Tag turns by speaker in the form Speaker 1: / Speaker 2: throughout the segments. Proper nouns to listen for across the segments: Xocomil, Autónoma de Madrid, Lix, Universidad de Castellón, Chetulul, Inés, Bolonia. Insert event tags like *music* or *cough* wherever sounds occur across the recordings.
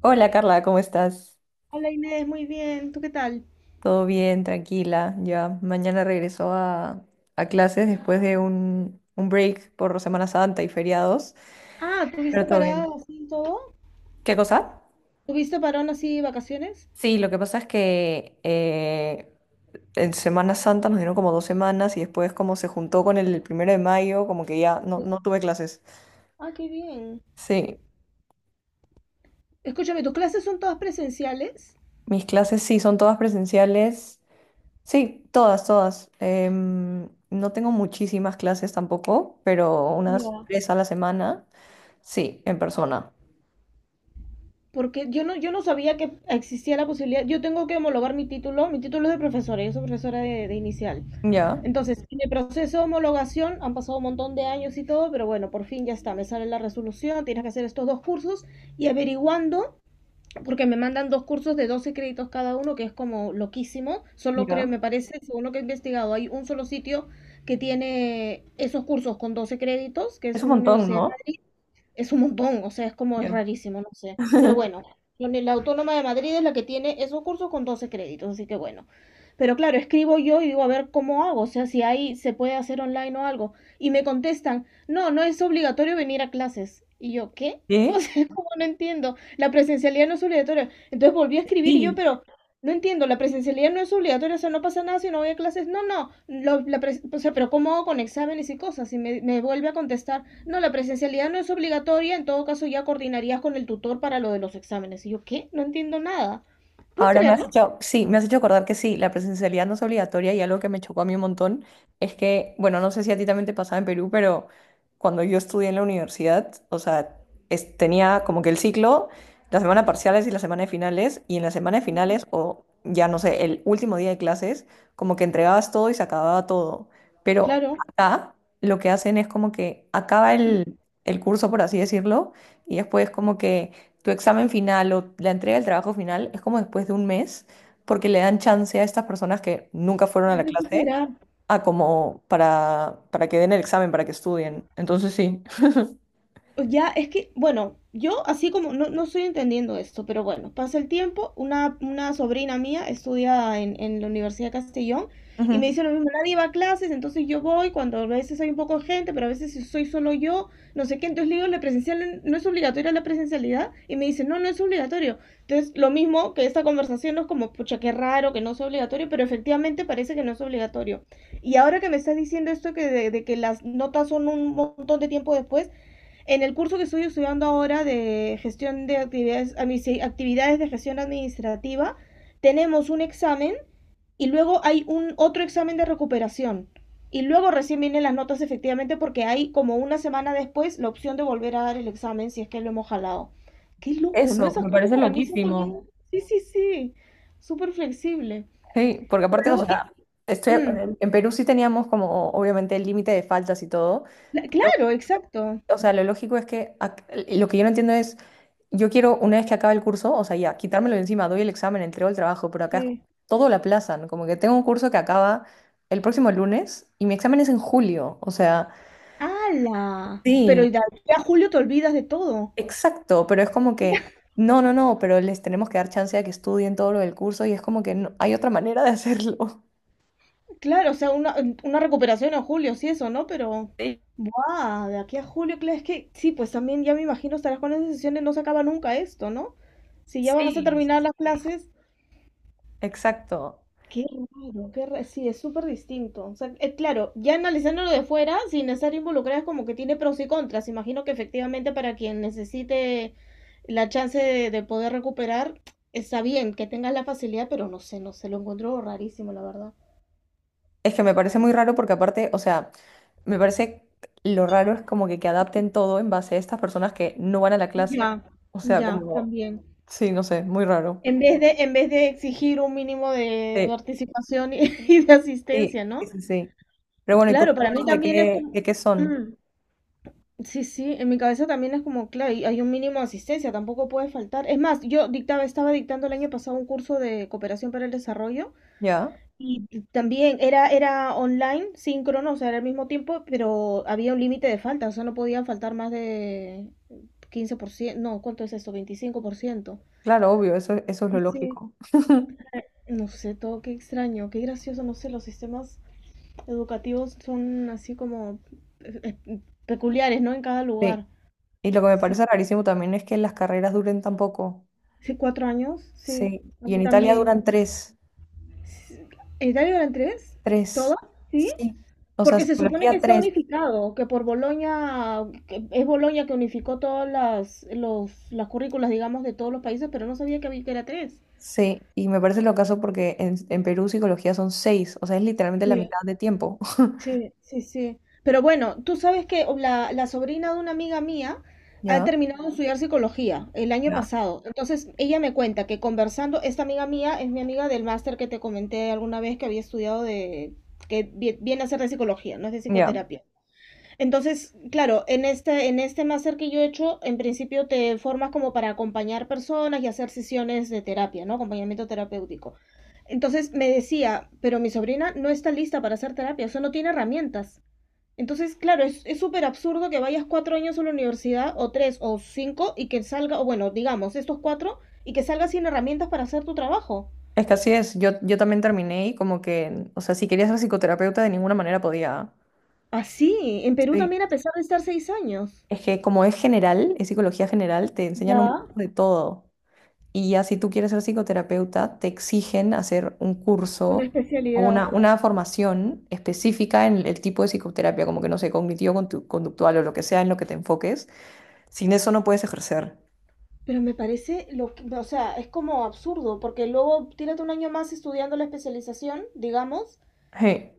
Speaker 1: Hola Carla, ¿cómo estás?
Speaker 2: Hola Inés, muy bien. ¿Tú qué tal?
Speaker 1: ¿Todo bien? Tranquila. Ya mañana regreso a clases después de un break por Semana Santa y feriados,
Speaker 2: Ah, ¿tuviste
Speaker 1: pero todo bien.
Speaker 2: parado así en todo?
Speaker 1: ¿Qué cosa?
Speaker 2: ¿Tuviste parón así vacaciones?
Speaker 1: Sí, lo que pasa es que en Semana Santa nos dieron como dos semanas y después como se juntó con el primero de mayo, como que ya
Speaker 2: Sí.
Speaker 1: no tuve clases.
Speaker 2: Ah, qué bien.
Speaker 1: Sí,
Speaker 2: Escúchame, ¿tus clases son todas presenciales?
Speaker 1: mis clases sí, son todas presenciales. Sí, todas, todas. No tengo muchísimas clases tampoco, pero unas
Speaker 2: Ya.
Speaker 1: tres a la semana. Sí, en persona.
Speaker 2: Porque yo no sabía que existía la posibilidad. Yo tengo que homologar mi título. Mi título es de profesora, yo soy profesora de inicial.
Speaker 1: Ya,
Speaker 2: Entonces, en el proceso de homologación han pasado un montón de años y todo, pero bueno, por fin ya está. Me sale la resolución, tienes que hacer estos dos cursos y averiguando, porque me mandan dos cursos de 12 créditos cada uno, que es como loquísimo. Solo creo,
Speaker 1: ya.
Speaker 2: me parece, según lo que he investigado, hay un solo sitio que tiene esos cursos con 12 créditos, que
Speaker 1: Es
Speaker 2: es
Speaker 1: un
Speaker 2: una
Speaker 1: montón,
Speaker 2: universidad,
Speaker 1: ¿no?
Speaker 2: es un montón, o sea, es como es
Speaker 1: Ya.
Speaker 2: rarísimo, no sé. Pero bueno, la Autónoma de Madrid es la que tiene esos cursos con 12 créditos, así que bueno. Pero claro, escribo yo y digo, a ver cómo hago, o sea, si ahí se puede hacer online o algo. Y me contestan, no, no es obligatorio venir a clases. Y yo, ¿qué? *laughs* O
Speaker 1: ¿Sí?
Speaker 2: sea, como no entiendo, la presencialidad no es obligatoria. Entonces volví a escribir y yo,
Speaker 1: Sí.
Speaker 2: pero no entiendo, la presencialidad no es obligatoria, o sea, no pasa nada si no voy a clases. No, no, o sea, pero ¿cómo hago con exámenes y cosas? Y me vuelve a contestar, no, la presencialidad no es obligatoria, en todo caso ya coordinarías con el tutor para lo de los exámenes. Y yo, ¿qué? No entiendo nada. ¿Puedes
Speaker 1: Ahora me has
Speaker 2: creerlo?
Speaker 1: hecho, sí, me has hecho acordar que sí, la presencialidad no es obligatoria, y algo que me chocó a mí un montón es que, bueno, no sé si a ti también te pasaba en Perú, pero cuando yo estudié en la universidad, o sea, tenía como que el ciclo, la semana de parciales y la semana de finales, y en la semana de
Speaker 2: Sí.
Speaker 1: finales, o ya no sé, el último día de clases, como que entregabas todo y se acababa todo. Pero
Speaker 2: Claro.
Speaker 1: acá lo que hacen es como que acaba el curso, por así decirlo, y después como que tu examen final o la entrega del trabajo final es como después de un mes, porque le dan chance a estas personas que nunca fueron a la clase
Speaker 2: Esperar.
Speaker 1: a como para que den el examen, para que estudien. Entonces sí.
Speaker 2: Ya, es que, bueno, yo así como no, no estoy entendiendo esto, pero bueno, pasa el tiempo, una sobrina mía estudia en la Universidad de Castellón y me
Speaker 1: Ujú.
Speaker 2: dice lo mismo, nadie va a clases, entonces yo voy cuando a veces hay un poco de gente, pero a veces si soy solo yo, no sé qué, entonces le digo, la presencial no es obligatoria, la presencialidad, y me dice, no, no es obligatorio. Entonces, lo mismo que esta conversación no es como, pucha, qué raro que no sea obligatorio, pero efectivamente parece que no es obligatorio. Y ahora que me estás diciendo esto que de que las notas son un montón de tiempo después, en el curso que estoy estudiando ahora de gestión de actividades, actividades de gestión administrativa, tenemos un examen y luego hay un otro examen de recuperación. Y luego recién vienen las notas efectivamente porque hay como una semana después la opción de volver a dar el examen si es que lo hemos jalado. Qué loco, ¿no?
Speaker 1: Eso,
Speaker 2: Esas
Speaker 1: me
Speaker 2: cosas
Speaker 1: parece
Speaker 2: para mí son también...
Speaker 1: loquísimo.
Speaker 2: Sí, sí, sí. Súper flexible.
Speaker 1: Sí, porque
Speaker 2: Pero
Speaker 1: aparte, o
Speaker 2: luego...
Speaker 1: sea, estoy,
Speaker 2: mm,
Speaker 1: en Perú sí teníamos como obviamente el límite de faltas y todo,
Speaker 2: la-
Speaker 1: pero,
Speaker 2: claro, exacto.
Speaker 1: o sea, lo lógico es que lo que yo no entiendo es... Yo quiero, una vez que acabe el curso, o sea, ya, quitármelo de encima, doy el examen, entrego el trabajo, pero acá es como
Speaker 2: Sí.
Speaker 1: todo lo aplazan. Como que tengo un curso que acaba el próximo lunes y mi examen es en julio. O sea,
Speaker 2: ¡Hala! Pero
Speaker 1: sí,
Speaker 2: ya, ya julio te olvidas de todo.
Speaker 1: exacto, pero es como que no, no, no, pero les tenemos que dar chance a que estudien todo lo del curso y es como que hay otra manera de hacerlo. *laughs*
Speaker 2: Claro, o sea, una recuperación en julio, sí, eso, ¿no? Pero, ¡buah! De aquí a julio, claro, es que sí, pues también ya me imagino estarás con esas sesiones, no se acaba nunca esto, ¿no? Si ya vas a
Speaker 1: Sí.
Speaker 2: terminar las clases,
Speaker 1: Exacto.
Speaker 2: qué qué raro, sí, es súper distinto. O sea, claro, ya analizándolo de fuera, sin estar involucrada, es como que tiene pros y contras. Imagino que efectivamente para quien necesite la chance de poder recuperar, está bien que tengas la facilidad, pero no sé, no sé, lo encuentro rarísimo, la verdad.
Speaker 1: Es que me parece muy raro porque aparte, o sea, me parece lo raro es como que adapten todo en base a estas personas que no van a la clase.
Speaker 2: Ya,
Speaker 1: O sea,
Speaker 2: ya,
Speaker 1: como,
Speaker 2: también.
Speaker 1: sí, no sé, muy raro.
Speaker 2: En vez de exigir un mínimo de
Speaker 1: Sí,
Speaker 2: participación y, *laughs* y de
Speaker 1: sí,
Speaker 2: asistencia,
Speaker 1: sí,
Speaker 2: ¿no?
Speaker 1: sí, sí. Pero bueno, ¿y tus
Speaker 2: Claro, para mí
Speaker 1: cursos
Speaker 2: también es
Speaker 1: de
Speaker 2: como...
Speaker 1: qué son?
Speaker 2: Mm, sí, sí, en mi cabeza también es como, claro, y hay un mínimo de asistencia, tampoco puede faltar. Es más, yo dictaba, estaba dictando el año pasado un curso de cooperación para el desarrollo
Speaker 1: Ya,
Speaker 2: también era, era online, síncrono, o sea, era al mismo tiempo, pero había un límite de falta, o sea, no podía faltar más de 15%, no, ¿cuánto es esto? 25%.
Speaker 1: claro, obvio, eso es lo
Speaker 2: Sí, sí.
Speaker 1: lógico. *laughs*
Speaker 2: No sé, todo qué extraño, qué gracioso, no sé, los sistemas educativos son así como eh, eh, peculiares, ¿no? En cada
Speaker 1: Sí.
Speaker 2: lugar.
Speaker 1: Y lo que me
Speaker 2: Sí,
Speaker 1: parece rarísimo también es que las carreras duren tan poco.
Speaker 2: sí, 4 años, sí,
Speaker 1: Sí.
Speaker 2: a
Speaker 1: Y
Speaker 2: mí
Speaker 1: en Italia
Speaker 2: también.
Speaker 1: duran tres,
Speaker 2: Sí. ¿Italia eran tres?
Speaker 1: tres.
Speaker 2: ¿Todo? ¿Sí?
Speaker 1: Sí. O sea,
Speaker 2: Porque se supone que
Speaker 1: psicología
Speaker 2: está
Speaker 1: tres.
Speaker 2: unificado, que por Bolonia, que es Bolonia que unificó todas las currículas, digamos, de todos los países, pero no sabía que había que era tres.
Speaker 1: Sí, y me parece lo caso porque en Perú psicología son seis, o sea, es literalmente la mitad de tiempo. *laughs*
Speaker 2: Sí, sí, sí. Pero bueno, tú sabes que la sobrina de una amiga mía ha
Speaker 1: Ya,
Speaker 2: terminado de estudiar psicología el año
Speaker 1: ya,
Speaker 2: pasado. Entonces, ella me cuenta que conversando, esta amiga mía es mi amiga del máster que te comenté alguna vez que había estudiado de, que viene a ser de psicología, no es de
Speaker 1: ya.
Speaker 2: psicoterapia. Entonces, claro, en este máster que yo he hecho, en principio te formas como para acompañar personas y hacer sesiones de terapia, ¿no? Acompañamiento terapéutico. Entonces me decía, pero mi sobrina no está lista para hacer terapia, o sea, no tiene herramientas. Entonces, claro, es súper absurdo que vayas 4 años a la universidad, o tres, o cinco, y que salga, o bueno, digamos, estos cuatro, y que salgas sin herramientas para hacer tu trabajo.
Speaker 1: Es que así es, yo también terminé y como que, o sea, si quería ser psicoterapeuta de ninguna manera podía.
Speaker 2: Así, en Perú
Speaker 1: Sí.
Speaker 2: también a pesar de estar 6 años.
Speaker 1: Es que como es general, es psicología general, te enseñan un
Speaker 2: Ya,
Speaker 1: poco de todo. Y ya si tú quieres ser psicoterapeuta, te exigen hacer un
Speaker 2: una
Speaker 1: curso o
Speaker 2: especialidad.
Speaker 1: una formación específica en el tipo de psicoterapia, como que no sé, cognitivo-conductual o lo que sea en lo que te enfoques. Sin eso no puedes ejercer.
Speaker 2: Pero me parece, lo que- o sea, es como absurdo, porque luego tírate un año más estudiando la especialización, digamos,
Speaker 1: Sí,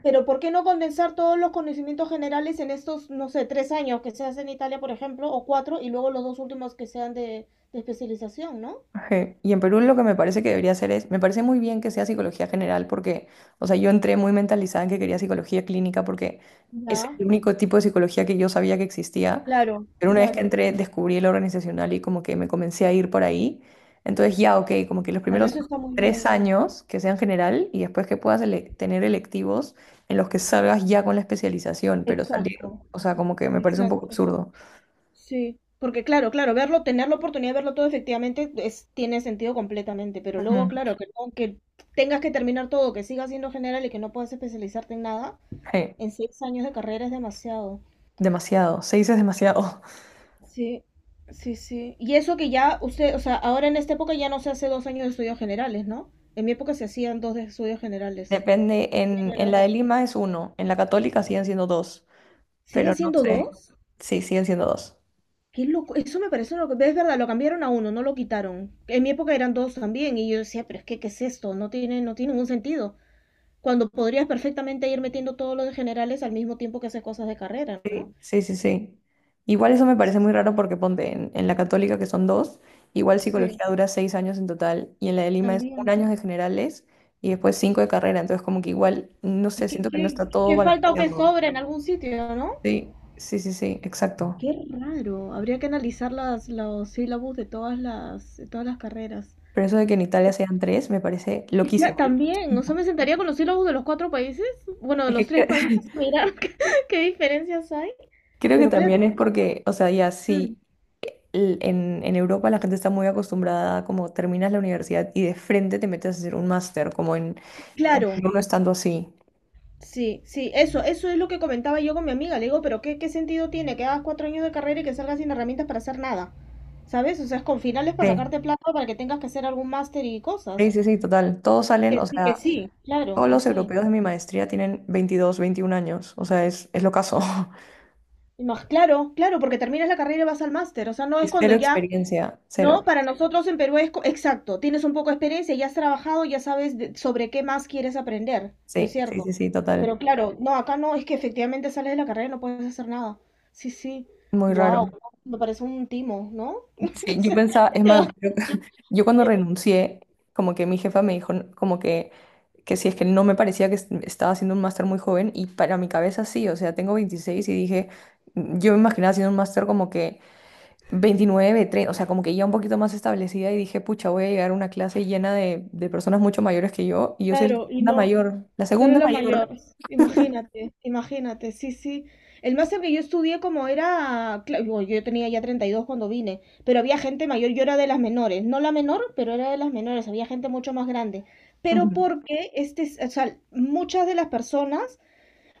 Speaker 2: pero ¿por qué no condensar todos los conocimientos generales en estos, no sé, 3 años que se hacen en Italia, por ejemplo, o cuatro, y luego los dos últimos que sean de especialización, ¿no?
Speaker 1: sí. Y en Perú lo que me parece que debería hacer es, me parece muy bien que sea psicología general porque, o sea, yo entré muy mentalizada en que quería psicología clínica porque es
Speaker 2: Ya,
Speaker 1: el único tipo de psicología que yo sabía que existía,
Speaker 2: claro,
Speaker 1: pero una vez que
Speaker 2: claro,
Speaker 1: entré descubrí la organizacional y como que me comencé a ir por ahí. Entonces ya, ok, como que los
Speaker 2: claro,
Speaker 1: primeros
Speaker 2: eso está muy
Speaker 1: tres
Speaker 2: bien.
Speaker 1: años que sean general y después que puedas tener electivos en los que salgas ya con la especialización, pero salir,
Speaker 2: Exacto,
Speaker 1: o sea, como que me parece un poco
Speaker 2: exacto.
Speaker 1: absurdo.
Speaker 2: Sí, porque claro, claro, verlo, tener la oportunidad de verlo todo efectivamente es, tiene sentido completamente, pero luego,
Speaker 1: Ujú.
Speaker 2: claro, que, que tengas que terminar todo, que sigas siendo general y que no puedas especializarte en nada,
Speaker 1: Sí,
Speaker 2: en 6 años de carrera es demasiado.
Speaker 1: demasiado, seis es demasiado.
Speaker 2: Sí, sí, sí. Y eso que ya usted, o sea, ahora en esta época ya no se hace 2 años de estudios generales, ¿no? En mi época se hacían dos de estudios generales.
Speaker 1: Depende, en la de
Speaker 2: Generas.
Speaker 1: Lima es uno, en la Católica siguen siendo dos,
Speaker 2: ¿Siguen
Speaker 1: pero no
Speaker 2: siendo
Speaker 1: sé,
Speaker 2: dos?
Speaker 1: sí, siguen siendo dos.
Speaker 2: Qué loco, eso me parece loco. Es verdad, lo cambiaron a uno, no lo quitaron. En mi época eran dos también, y yo decía, pero es que, ¿qué es esto? No tiene, no tiene ningún sentido. Cuando podrías perfectamente ir metiendo todos los de generales al mismo tiempo que haces cosas de carrera, ¿no?
Speaker 1: Sí, sí, sí, sí. Igual eso me parece muy raro porque ponte en la Católica que son dos, igual
Speaker 2: Sí,
Speaker 1: psicología dura seis años en total y en la de Lima es un
Speaker 2: también.
Speaker 1: año de generales y después cinco de carrera, entonces como que igual, no
Speaker 2: Y
Speaker 1: sé,
Speaker 2: qué,
Speaker 1: siento que no está todo
Speaker 2: qué falta o qué
Speaker 1: balanceado.
Speaker 2: sobra en algún sitio, ¿no?
Speaker 1: Sí, sí, sí, sí, exacto.
Speaker 2: Qué raro. Habría que analizar las, los sílabos de todas las carreras.
Speaker 1: Pero eso de que en Italia
Speaker 2: Pues,
Speaker 1: sean tres me parece loquísimo.
Speaker 2: También, o sea, me
Speaker 1: *laughs*
Speaker 2: sentaría con los sílabos de los cuatro países, bueno, de los
Speaker 1: Es
Speaker 2: tres
Speaker 1: que,
Speaker 2: países, a
Speaker 1: *laughs*
Speaker 2: mirar *laughs* qué, qué diferencias hay.
Speaker 1: creo que
Speaker 2: Pero claro,
Speaker 1: también es porque, o sea, ya
Speaker 2: mm,
Speaker 1: sí, en Europa la gente está muy acostumbrada, como terminas la universidad y de frente te metes a hacer un máster, como en
Speaker 2: claro,
Speaker 1: Perú no estando así.
Speaker 2: sí, sí, eso es lo que comentaba yo con mi amiga. Le digo, pero ¿qué, qué sentido tiene que hagas 4 años de carrera y que salgas sin herramientas para hacer nada? ¿Sabes? O sea, es con finales para
Speaker 1: Sí,
Speaker 2: sacarte plata para que tengas que hacer algún máster y cosas.
Speaker 1: sí, sí, sí, total. Todos salen,
Speaker 2: Que
Speaker 1: o
Speaker 2: sí,
Speaker 1: sea,
Speaker 2: que sí. Claro,
Speaker 1: todos
Speaker 2: que
Speaker 1: los
Speaker 2: sí.
Speaker 1: europeos de mi maestría tienen 22, 21 años, o sea, es lo caso. *laughs*
Speaker 2: Y más, claro, claro, porque terminas la carrera y vas al máster. O sea, no
Speaker 1: Y
Speaker 2: es cuando
Speaker 1: cero
Speaker 2: ya
Speaker 1: experiencia,
Speaker 2: no,
Speaker 1: cero.
Speaker 2: para nosotros en Perú es exacto, tienes un poco de experiencia, ya has trabajado, ya sabes sobre qué más quieres aprender, ¿no es
Speaker 1: Sí, sí,
Speaker 2: cierto?
Speaker 1: sí, sí, total.
Speaker 2: Pero claro, no, acá no, es que efectivamente sales de la carrera y no puedes hacer nada. Sí, sí,
Speaker 1: Muy
Speaker 2: wow,
Speaker 1: raro.
Speaker 2: me parece un timo, ¿no? *laughs*
Speaker 1: Sí,
Speaker 2: Que
Speaker 1: yo
Speaker 2: se-
Speaker 1: pensaba, es más, yo,
Speaker 2: *laughs*
Speaker 1: *laughs* yo cuando renuncié, como que mi jefa me dijo, como que si es que no me parecía que estaba haciendo un máster muy joven, y para mi cabeza sí, o sea, tengo 26 y dije, yo me imaginaba haciendo un máster como que 29, 30, o sea, como que ya un poquito más establecida, y dije, pucha, voy a llegar a una clase llena de personas mucho mayores que yo, y yo soy la
Speaker 2: Claro, y
Speaker 1: segunda
Speaker 2: no,
Speaker 1: mayor, la
Speaker 2: tú eres
Speaker 1: segunda
Speaker 2: la mayor,
Speaker 1: mayor.
Speaker 2: imagínate, imagínate, sí, sí. El máster que yo estudié como era, yo tenía ya 32 cuando vine, pero había gente mayor, yo era de las menores, no la menor, pero era de las menores, había gente mucho más grande. Pero
Speaker 1: Ujú.
Speaker 2: porque este, o sea, muchas de las personas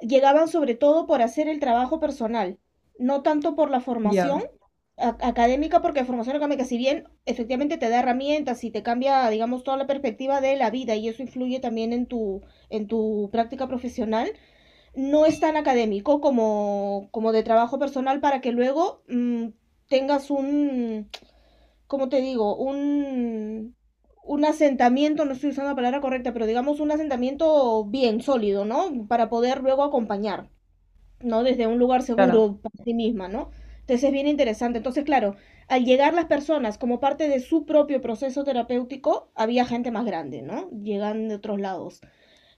Speaker 2: llegaban sobre todo por hacer el trabajo personal, no tanto por la formación
Speaker 1: Ya,
Speaker 2: académica, porque la formación académica, si bien efectivamente te da herramientas y te cambia, digamos, toda la perspectiva de la vida y eso influye también en tu práctica profesional, no es tan académico como, como de trabajo personal para que luego tengas un, ¿cómo te digo? Un asentamiento, no estoy usando la palabra correcta, pero digamos un asentamiento bien sólido, ¿no? Para poder luego acompañar. ¿No? Desde un lugar
Speaker 1: claro,
Speaker 2: seguro para sí misma, ¿no? Entonces es bien interesante. Entonces, claro, al llegar las personas como parte de su propio proceso terapéutico, había gente más grande, ¿no? Llegan de otros lados.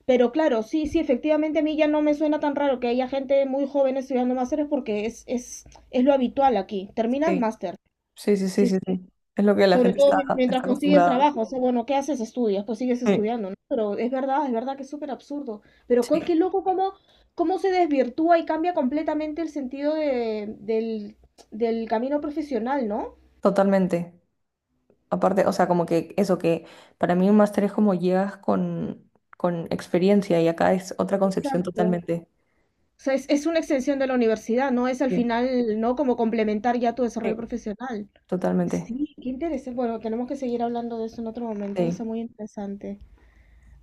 Speaker 2: Pero claro, sí, sí, efectivamente a mí ya no me suena tan raro que haya gente muy joven estudiando másteres porque es lo habitual aquí. Terminas
Speaker 1: sí,
Speaker 2: máster.
Speaker 1: sí, sí, sí,
Speaker 2: Sí,
Speaker 1: sí,
Speaker 2: sí.
Speaker 1: sí, es lo que la
Speaker 2: Sobre
Speaker 1: gente
Speaker 2: todo
Speaker 1: está,
Speaker 2: mientras
Speaker 1: está
Speaker 2: consigues
Speaker 1: acostumbrada.
Speaker 2: trabajo, o sea, bueno, ¿qué haces? Estudias, pues sigues
Speaker 1: Sí.
Speaker 2: estudiando, ¿no? Pero es verdad que es súper absurdo. Pero
Speaker 1: Sí.
Speaker 2: qué loco cómo, cómo se desvirtúa y cambia completamente el sentido de, del camino profesional, ¿no?
Speaker 1: Totalmente. Aparte, o sea, como que eso que para mí un máster es como llegas con experiencia y acá es otra concepción
Speaker 2: Exacto.
Speaker 1: totalmente.
Speaker 2: O sea, es una extensión de la universidad, ¿no? Es al
Speaker 1: Sí,
Speaker 2: final, ¿no? Como complementar ya tu desarrollo
Speaker 1: sí,
Speaker 2: profesional.
Speaker 1: totalmente.
Speaker 2: Sí, qué interesante. Bueno, tenemos que seguir hablando de eso en otro momento, que
Speaker 1: Sí,
Speaker 2: está muy interesante.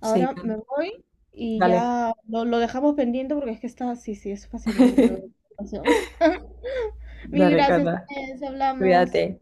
Speaker 1: sí.
Speaker 2: me voy y
Speaker 1: Dale.
Speaker 2: ya lo dejamos pendiente porque es que está, sí, sí, es fascinante lo de
Speaker 1: *laughs*
Speaker 2: la educación. *laughs* Mil
Speaker 1: Dale,
Speaker 2: gracias,
Speaker 1: Carla.
Speaker 2: Inés, hablamos.
Speaker 1: Cuídate.